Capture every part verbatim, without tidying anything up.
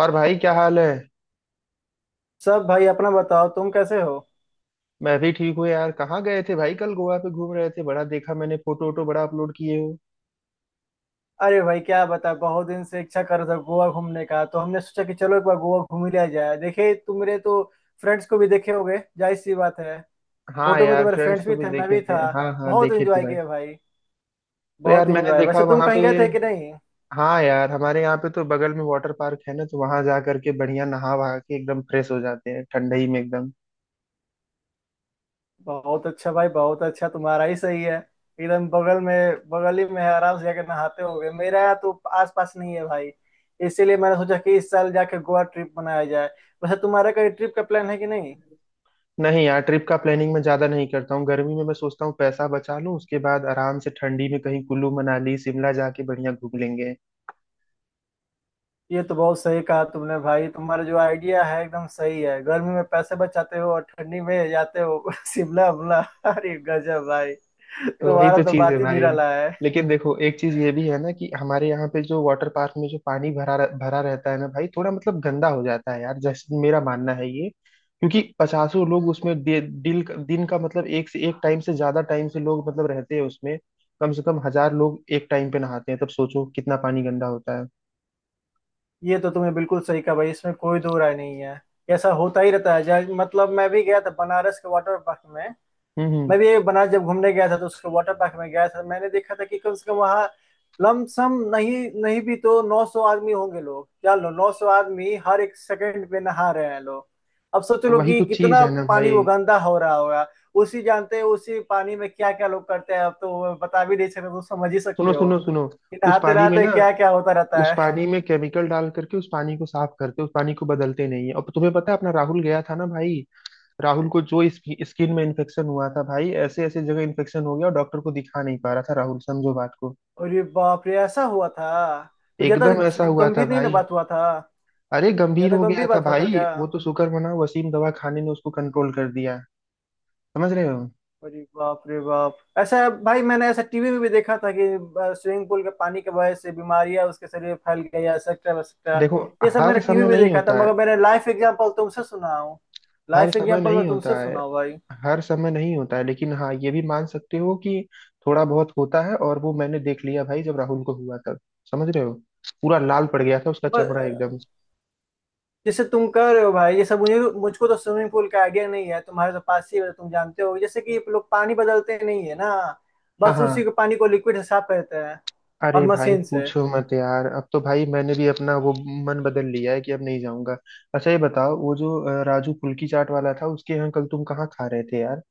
और भाई क्या हाल है। सब भाई। अपना बताओ तुम कैसे हो? मैं भी ठीक हूँ यार। कहाँ गए थे भाई? कल गोवा पे घूम रहे थे, बड़ा देखा मैंने फोटो वोटो, बड़ा अपलोड किए हो। अरे भाई क्या बता, बहुत दिन से इच्छा कर रहा था गोवा घूमने का तो हमने सोचा कि चलो एक बार गोवा घूम ही लिया जाए। देखे तुम्हारे तो फ्रेंड्स को भी देखे होगे, जाहिर सी बात है। हाँ फोटो में यार, तुम्हारे फ्रेंड्स फ्रेंड्स को भी भी थे, मैं देखे भी थे। था। हाँ हाँ, बहुत देखे थे एंजॉय भाई। किया भाई, तो यार बहुत मैंने एंजॉय। देखा वैसे तुम वहां कहीं पे। गए थे कि नहीं? हाँ यार, हमारे यहाँ पे तो बगल में वाटर पार्क है ना, तो वहां जा करके बढ़िया नहा वहा के एकदम फ्रेश हो जाते हैं ठंडई में एकदम। बहुत अच्छा भाई, बहुत अच्छा। तुम्हारा ही सही है, एकदम बगल में, बगल ही में है, आराम से जाके नहाते होगे। मेरा तो आस पास नहीं है भाई। इसीलिए मैंने सोचा कि इस साल जाके गोवा ट्रिप बनाया जाए। वैसे तुम्हारा कहीं ट्रिप का प्लान है कि नहीं? नहीं यार, ट्रिप का प्लानिंग मैं ज्यादा नहीं करता हूँ। गर्मी में मैं सोचता हूँ पैसा बचा लूँ, उसके बाद आराम से ठंडी में कहीं कुल्लू मनाली शिमला जाके बढ़िया घूम लेंगे। ये तो बहुत सही कहा तुमने भाई, तुम्हारा जो आइडिया है एकदम सही है, गर्मी में पैसे बचाते हो और ठंडी में जाते हो शिमला उमला। अरे गजब भाई, तो वही तुम्हारा तो तो चीज है बात ही भाई। निराला है। लेकिन देखो, एक चीज ये भी है ना कि हमारे यहाँ पे जो वाटर पार्क में जो पानी भरा भरा रहता है ना भाई, थोड़ा मतलब गंदा हो जाता है यार, जैसे मेरा मानना है ये, क्योंकि पचासों लोग उसमें डे- दिल दिन का मतलब एक से एक टाइम से ज्यादा टाइम से लोग मतलब रहते हैं उसमें। कम से कम हजार लोग एक टाइम पे नहाते हैं, तब सोचो कितना पानी गंदा होता है। ये तो तुमने बिल्कुल सही कहा भाई, इसमें कोई दो राय नहीं है। ऐसा होता ही रहता है। जा- मतलब मैं भी गया था बनारस के वाटर पार्क में। हम्म। हम्म। मैं भी बनारस जब घूमने गया था तो उसके वाटर पार्क में गया था। मैंने देखा था कि कम से कम वहाँ लमसम नहीं, नहीं भी तो नौ सौ आदमी होंगे, लोग जान लो नौ सौ आदमी हर एक सेकंड पे नहा रहे हैं लोग। अब सोच लो वही कि तो चीज कितना है ना पानी भाई। वो गंदा हो रहा होगा। उसी, जानते हैं उसी पानी में क्या क्या लोग करते हैं, अब तो वो बता भी नहीं सकते तो समझ ही सुनो सकते हो सुनो सुनो। कि उस नहाते पानी में नहाते ना, क्या क्या होता रहता उस है। पानी में केमिकल डाल करके उस पानी को साफ करते, उस पानी को बदलते नहीं है। और तुम्हें पता है, अपना राहुल गया था ना भाई। राहुल को जो स्किन में इन्फेक्शन हुआ था भाई, ऐसे ऐसे जगह इन्फेक्शन हो गया और डॉक्टर को दिखा नहीं पा रहा था राहुल, समझो बात को। और ये बाप रे, ऐसा हुआ था? तो ज्यादा एकदम ऐसा हुआ था गंभीर नहीं ना भाई। बात हुआ था? अरे गंभीर ज्यादा हो गया गंभीर था बात हुआ था भाई, क्या? वो तो शुक्र मना वसीम दवा खाने ने उसको कंट्रोल कर दिया। समझ रहे हो। अरे बाप रे बाप, ऐसा! भाई मैंने ऐसा टीवी में भी देखा था कि स्विमिंग पूल के पानी के वजह से बीमारियां उसके शरीर में फैल गई, एक्सेट्रा एक्सेट्रा। देखो, ये सब हर मैंने टीवी समय में नहीं देखा था होता मगर है। मैंने लाइफ एग्जांपल तुमसे सुना हूँ। हर लाइफ समय एग्जांपल मैं नहीं तुमसे होता है। सुना हूँ भाई। हर समय नहीं होता है, लेकिन हाँ, ये भी मान सकते हो कि थोड़ा बहुत होता है, और वो मैंने देख लिया भाई जब राहुल को हुआ था। समझ रहे हो। पूरा लाल पड़ गया था उसका चमड़ा, ब- एकदम। जैसे तुम कह रहे हो भाई, ये सब मुझे मुझको तो स्विमिंग पूल का आइडिया नहीं है, तुम्हारे तो पास ही है, तुम जानते हो जैसे कि लोग पानी बदलते नहीं है ना, हाँ बस उसी हाँ। के पानी को लिक्विड से साफ करते हैं और अरे भाई मशीन से। पूछो मत यार, अब तो भाई मैंने भी अपना वो मन बदल लिया है कि अब नहीं जाऊंगा। अच्छा ये बताओ, वो जो अ, राजू फुल्की चाट वाला था उसके यहाँ कल तुम कहाँ खा रहे थे यार?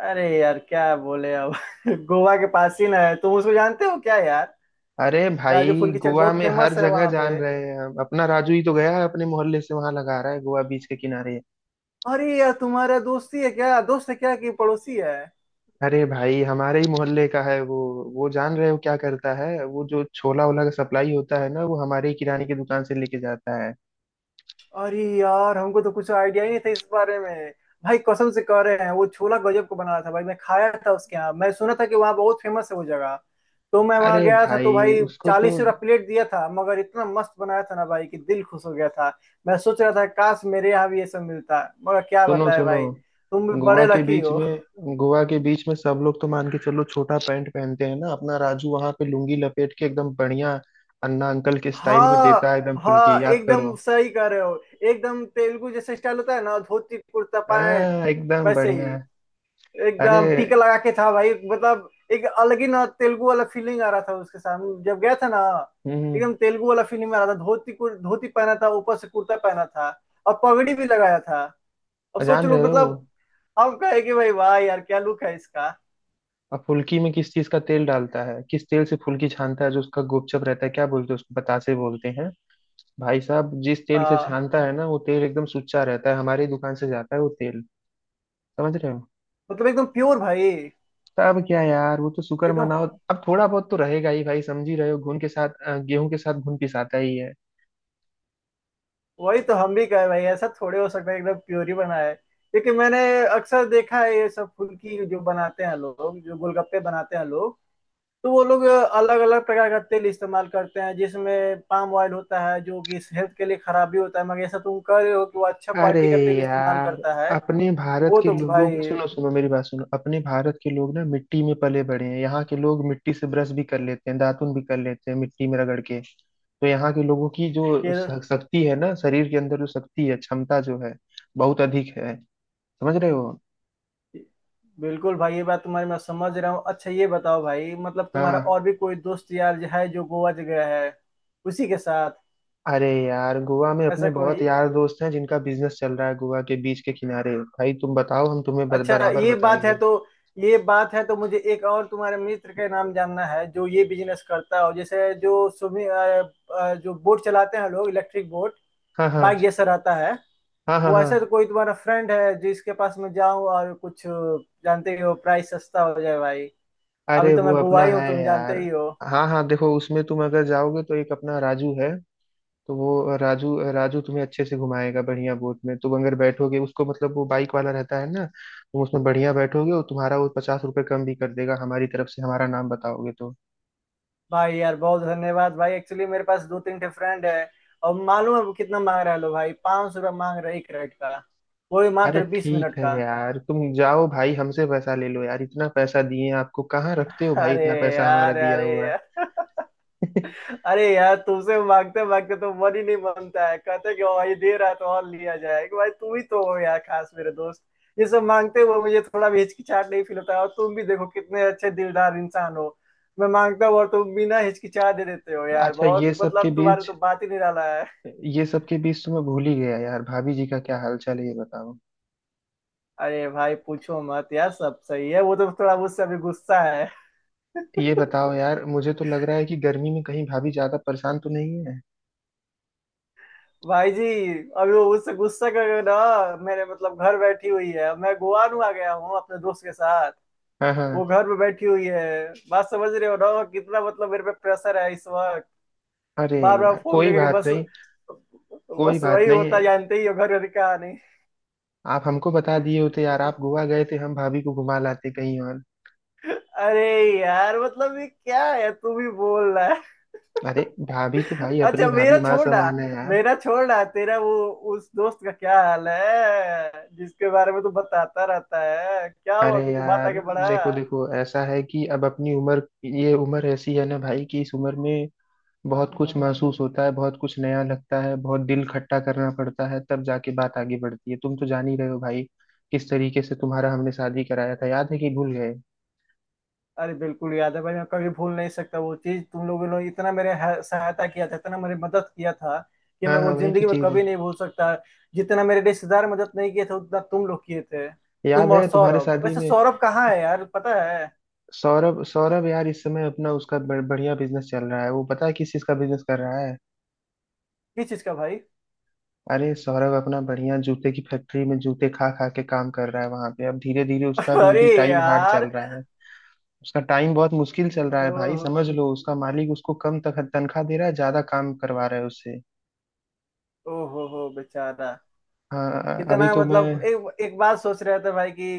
अरे यार क्या बोले अब गोवा के पास ही ना है, तुम उसको जानते हो क्या यार? अरे राजू भाई फूल की चाट गोवा बहुत में हर फेमस है जगह वहां पे। जान रहे हैं हम, अपना राजू ही तो गया है अपने मोहल्ले से, वहां लगा रहा है गोवा बीच के किनारे। अरे यार तुम्हारा दोस्ती है क्या, दोस्त है क्या कि पड़ोसी है? अरे भाई हमारे ही मोहल्ले का है वो। वो जान रहे हो क्या करता है? वो जो छोला ओला का सप्लाई होता है ना, वो हमारे ही किराने की दुकान से लेके जाता है। अरे यार हमको तो कुछ आइडिया ही नहीं था इस बारे में। भाई कसम से कह रहे हैं वो छोला गजब को बना रहा था भाई, मैं खाया था उसके यहाँ, मैं सुना था कि वहाँ बहुत फेमस है वो जगह, तो मैं वहाँ अरे गया था तो भाई भाई उसको तो चालीस रुपया प्लेट दिया था, मगर इतना मस्त बनाया था ना भाई कि दिल खुश हो गया था। मैं सोच रहा था काश मेरे यहाँ भी ये सब मिलता, मगर क्या सुनो बताए सुनो, भाई। तुम भी गोवा बड़े के लकी बीच हो। में, गोवा के बीच में सब लोग तो मान के चलो छोटा पैंट पहनते हैं ना, अपना राजू वहां पे लुंगी लपेट के एकदम बढ़िया अन्ना अंकल के स्टाइल में हाँ। देता है एकदम, हाँ फुल्की याद करो। एकदम सही कह रहे हो, एकदम तेलुगु जैसे स्टाइल होता है ना, धोती कुर्ता पैंट, हाँ एकदम वैसे ही। बढ़िया। अरे। एकदम टीका लगा के था भाई, मतलब एक अलग ही ना तेलुगु वाला फीलिंग आ रहा था उसके सामने जब गया था ना, हम्म। एकदम तेलुगु वाला फीलिंग आ रहा था। धोती कुर- धोती पहना था, ऊपर से कुर्ता पहना था और पगड़ी भी लगाया था। अब सोच जान लो रहे मतलब हो, हम कहे कि भाई वाह यार क्या लुक है इसका! अब फुल्की में किस चीज का तेल डालता है, किस तेल से फुल्की छानता है जो उसका गोपचप रहता है, क्या बोलते हैं उसको? बतासे बोलते हैं। भाई साहब जिस तेल से हाँ। छानता है ना, वो तेल एकदम सुच्चा रहता है, हमारी दुकान से जाता है वो तेल। समझ रहे हो। मतलब एकदम प्योर भाई। तो अब क्या यार, वो तो शुक्र एकदम। मनाओ, अब थोड़ा बहुत तो रहेगा ही भाई, समझ ही रहे हो, घुन के साथ अ, गेहूं के साथ घुन पिसाता ही है। वही तो हम भी कहे भाई, ऐसा थोड़े हो सकता है, एकदम प्योर ही बना है क्योंकि मैंने अक्सर देखा है ये सब फुल्की जो बनाते हैं लोग, जो गोलगप्पे बनाते हैं लोग, तो वो लोग अलग अलग प्रकार का तेल इस्तेमाल करते हैं, जिसमें पाम ऑयल होता है जो कि हेल्थ के लिए खराब भी होता है, मगर ऐसा तुम कह रहे हो कि वो अच्छा अरे क्वालिटी का तेल इस्तेमाल यार, करता है। अपने भारत वो के तो लोगों को, भाई, सुनो सुनो मेरी बात सुनो। अपने भारत के लोग ना मिट्टी में पले बड़े हैं, यहाँ के लोग मिट्टी से ब्रश भी कर लेते हैं, दातुन भी कर लेते हैं मिट्टी में रगड़ के, तो यहाँ के लोगों की जो ये श- शक्ति है ना, शरीर के अंदर जो शक्ति है, क्षमता जो है बहुत अधिक है। समझ रहे हो। बिल्कुल भाई ये बात तुम्हारी मैं समझ रहा हूँ। अच्छा ये बताओ भाई, मतलब तुम्हारा हाँ। और भी कोई दोस्त यार है जो गोवा गया है उसी के साथ, अरे यार गोवा में ऐसा अपने कोई? बहुत यार दोस्त हैं जिनका बिजनेस चल रहा है गोवा के बीच के किनारे, भाई तुम बताओ, हम तुम्हें बर- अच्छा बराबर ये बात है बताएंगे। तो, ये बात है तो मुझे एक और तुम्हारे मित्र का नाम जानना है जो ये बिजनेस करता हो, जैसे जो सुमी अ, अ, जो बोट चलाते हैं लोग, इलेक्ट्रिक बोट, हाँ हाँ। बाइक आता है हाँ हाँ वो, हाँ। ऐसा तो कोई तुम्हारा फ्रेंड है जिसके पास मैं जाऊं और कुछ अ, जानते ही हो, प्राइस सस्ता हो जाए भाई। अरे अभी तो वो मैं गोवा अपना ही हूँ है तुम यार। जानते ही हो। हाँ हाँ, देखो उसमें तुम अगर जाओगे तो एक अपना राजू है, तो वो राजू राजू तुम्हें अच्छे से घुमाएगा, बढ़िया बोट में तुम अगर बैठोगे उसको, मतलब वो बाइक वाला रहता है ना, तुम उसमें बढ़िया बैठोगे और तुम्हारा वो पचास रुपये कम भी कर देगा हमारी तरफ से, हमारा नाम बताओगे तो। भाई यार बहुत धन्यवाद भाई। एक्चुअली मेरे पास दो तीन ठे फ्रेंड है, और मालूम है वो कितना मांग रहा है? लो भाई पाँच सौ रुपया मांग रहा है एक राइड का, वो भी अरे मात्र बीस मिनट ठीक है का। यार, तुम जाओ भाई, हमसे पैसा ले लो यार, इतना पैसा दिए आपको कहाँ रखते हो भाई, अरे इतना पैसा हमारा यार, दिया अरे हुआ है। यार अरे यार, तुमसे मांगते मांगते तो मन ही नहीं मानता है, कहते कि भाई दे रहा है तो और लिया जाए, कि भाई तुम ही तो हो यार खास मेरे दोस्त। ये सब मांगते हुए मुझे थोड़ा भी हिचकिचाहट नहीं फील होता है, और तुम भी देखो कितने अच्छे दिलदार इंसान हो। मैं मांगता हूँ और तुम बिना हिचकिचाह दे देते हो यार, अच्छा बहुत ये सब के मतलब तुम्हारे बीच, तो बात ही निराला है। ये सब के बीच तो मैं भूल ही गया यार, भाभी जी का क्या हाल चाल है, ये बताओ। अरे भाई पूछो मत यार, सब सही है, वो तो थोड़ा मुझसे अभी गुस्सा है ये बताओ यार, मुझे तो लग रहा है कि गर्मी में कहीं भाभी ज्यादा परेशान तो नहीं है। भाई जी अभी वो उससे गुस्सा कर रहे हो ना, मेरे मतलब घर बैठी हुई है, अब मैं गोवान आ गया हूँ अपने दोस्त के साथ। हाँ हाँ। वो घर में बैठी हुई है। बात समझ रहे हो ना कितना मतलब मेरे पे प्रेशर है इस वक्त, अरे बार बार यार फोन कोई करके, बात बस नहीं, कोई बस बात वही नहीं। होता जानते ही हो घर का। आप हमको बता दिए होते यार, नहीं, आप गोवा गए थे, हम भाभी को घुमा लाते कहीं और। अरे यार मतलब ये क्या है, तू भी बोल रहा है अरे भाभी तो भाई अच्छा अपनी मेरा भाभी माँ छोड़ना, समान है यार। मेरा छोड़ना। तेरा वो, उस दोस्त का क्या हाल है जिसके बारे में तू बताता रहता है, क्या हुआ अरे कुछ बात यार, आगे बढ़ा? देखो देखो ऐसा है कि अब अपनी उम्र, ये उम्र ऐसी है ना भाई कि इस उम्र में बहुत कुछ महसूस होता है, बहुत कुछ नया लगता है, बहुत दिल खट्टा करना पड़ता है, तब जाके बात आगे बढ़ती है। तुम तो जान ही रहे हो भाई किस तरीके से तुम्हारा हमने शादी कराया था, याद है कि भूल गए? अरे बिल्कुल याद है भाई, मैं कभी भूल नहीं सकता वो चीज। तुम लोगों ने इतना मेरे ह- सहायता किया था, इतना मेरी मदद किया था कि हाँ मैं वो हाँ, वही तो जिंदगी में चीज कभी है। नहीं भूल सकता। जितना मेरे रिश्तेदार मदद नहीं किए थे उतना तुम लोग किए थे। तुम याद और है तुम्हारे सौरभ, शादी वैसे में। सौरभ कहाँ है यार, पता है? सौरभ? सौरभ यार इस समय अपना उसका ब- बढ़िया बिजनेस चल रहा है। वो पता है किस चीज का बिजनेस कर रहा है? किस चीज का भाई? अरे सौरभ अपना बढ़िया जूते की फैक्ट्री में जूते खा खा के काम कर रहा है वहां पे, अब धीरे धीरे उसका भी अरे अभी टाइम हार्ड यार। चल रहा है। उसका टाइम बहुत मुश्किल चल रहा है भाई, ओहो, समझ लो उसका मालिक उसको कम तख- तनख्वाह दे रहा है, ज्यादा काम करवा रहा है उससे। ओहो हो बेचारा। हाँ अभी कितना तो मैं, मतलब एक एक बात सोच रहे थे भाई कि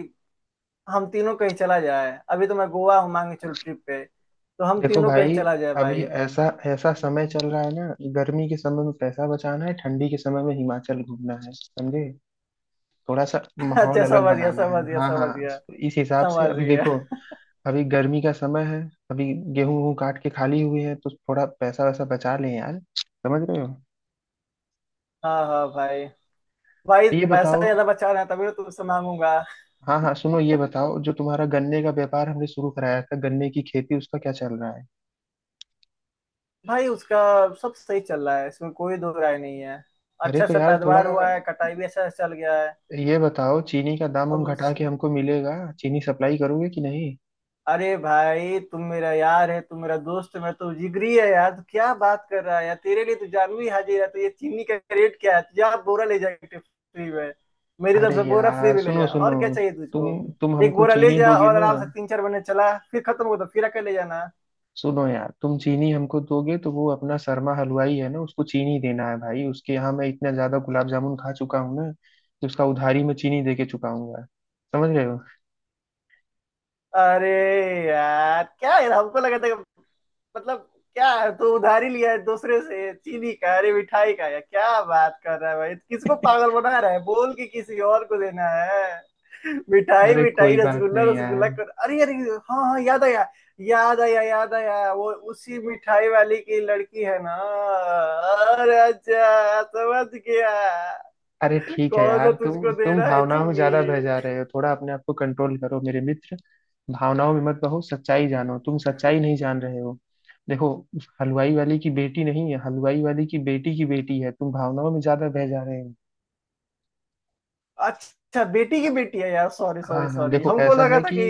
हम तीनों कहीं चला जाए, अभी तो मैं गोवा हूँ, मांगे चलो ट्रिप पे, तो हम देखो तीनों कहीं भाई, चला जाए अभी भाई। ऐसा ऐसा समय चल रहा है ना, गर्मी के समय में पैसा बचाना है, ठंडी के समय में हिमाचल घूमना है, समझे। थोड़ा सा माहौल अच्छा अलग समझ गया, बनाना समझ है, गया, हाँ समझ हाँ, गया। तो इस हिसाब से समझ अभी गया। देखो, अभी गर्मी का समय है। अभी गेहूं वूं काट के खाली हुए हैं, तो थोड़ा पैसा वैसा बचा लें यार, समझ रहे हो। हाँ हाँ भाई, भाई ये पैसा बताओ। ज्यादा बचा रहे हैं तभी तो तुमसे मांगूंगा। हाँ हाँ सुनो, ये बताओ, जो तुम्हारा गन्ने का व्यापार हमने शुरू कराया था, गन्ने की खेती, उसका क्या चल रहा है? भाई उसका सब सही चल रहा है, इसमें कोई दो राय नहीं है। अरे अच्छा तो सा यार थोड़ा पैदावार हुआ है, कटाई भी अच्छा से चल गया है। ये बताओ, चीनी का दाम हम अब, घटा के हमको मिलेगा, चीनी सप्लाई करोगे कि नहीं? अरे भाई तुम मेरा यार है, तुम मेरा दोस्त है, मैं तो जिगरी है यार, तू क्या बात कर रहा है यार, तेरे लिए तो जानवी हाजिर है, तो ये चीनी का रेट क्या है, तुझे आप बोरा ले जा फ्री में, मेरी तरफ अरे से बोरा फ्री यार में ले सुनो जा सुनो, और क्या चाहिए तुम तुझको? तुम एक हमको बोरा ले चीनी जा दोगे और ना? आराम से तीन चार महीने चला, फिर खत्म हो तो फिर आके ले जाना। सुनो यार, तुम चीनी हमको दोगे तो वो अपना शर्मा हलवाई है ना, उसको चीनी देना है भाई, उसके यहाँ मैं इतना ज्यादा गुलाब जामुन खा चुका हूँ ना कि उसका उधारी में चीनी दे के चुकाऊंगा। समझ रहे हो। अरे यार क्या है, हमको लगा था कि- मतलब क्या है, तू उधारी लिया है दूसरे से चीनी का, अरे मिठाई का? यार क्या बात कर रहा है भाई, किसको पागल बना रहा है बोल के किसी और को देना है मिठाई? अरे मिठाई कोई बात रसगुल्ला नहीं यार। रसगुल्ला कर, अरे अरे, हाँ हाँ याद आया, याद आया, याद आया वो उसी मिठाई वाली की लड़की है ना। अरे अच्छा समझ गया। अरे ठीक है कौन सा यार, तुम तुझको दे तुम रहा है भावनाओं में चीनी? ज्यादा बह जा रहे हो, थोड़ा अपने आप को कंट्रोल करो मेरे मित्र। भावनाओं में मत बहो, सच्चाई जानो, तुम सच्चाई नहीं जान रहे हो। देखो, उस हलवाई वाली की बेटी नहीं है, हलवाई वाली की बेटी की बेटी है, तुम भावनाओं में ज्यादा बह जा रहे हो। अच्छा बेटी की बेटी है, यार सॉरी सॉरी हाँ हाँ सॉरी, देखो, हमको ऐसा लगा है था कि कि,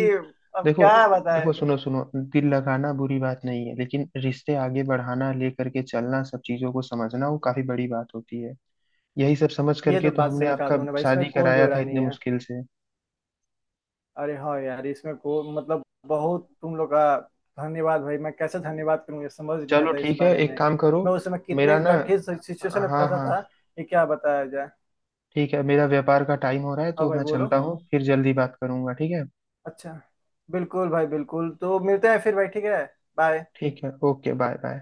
अब देखो, क्या बताए। देखो सुनो सुनो, दिल लगाना बुरी बात नहीं है, लेकिन रिश्ते आगे बढ़ाना, लेकर के चलना, सब चीजों को समझना, वो काफी बड़ी बात होती है। यही सब समझ ये करके तो तो बात हमने सही कहा आपका तुमने भाई, इसमें शादी कोई दो कराया था राय नहीं इतने है। मुश्किल से। अरे हाँ यार, इसमें को मतलब बहुत तुम लोग का धन्यवाद भाई, मैं कैसे धन्यवाद करूँ, ये समझ नहीं चलो आता इस ठीक है, बारे एक में। काम करो। मैं उस समय कितने मेरा ना, कठिन सिचुएशन में हाँ फंसा हाँ, था, ये क्या बताया जाए। ठीक है, मेरा व्यापार का टाइम हो रहा है हाँ तो भाई मैं बोलो, चलता हूँ, फिर जल्दी बात करूंगा ठीक है। अच्छा, बिल्कुल भाई बिल्कुल, तो मिलते हैं फिर भाई, ठीक है। बाय। ठीक है, ओके, बाय बाय।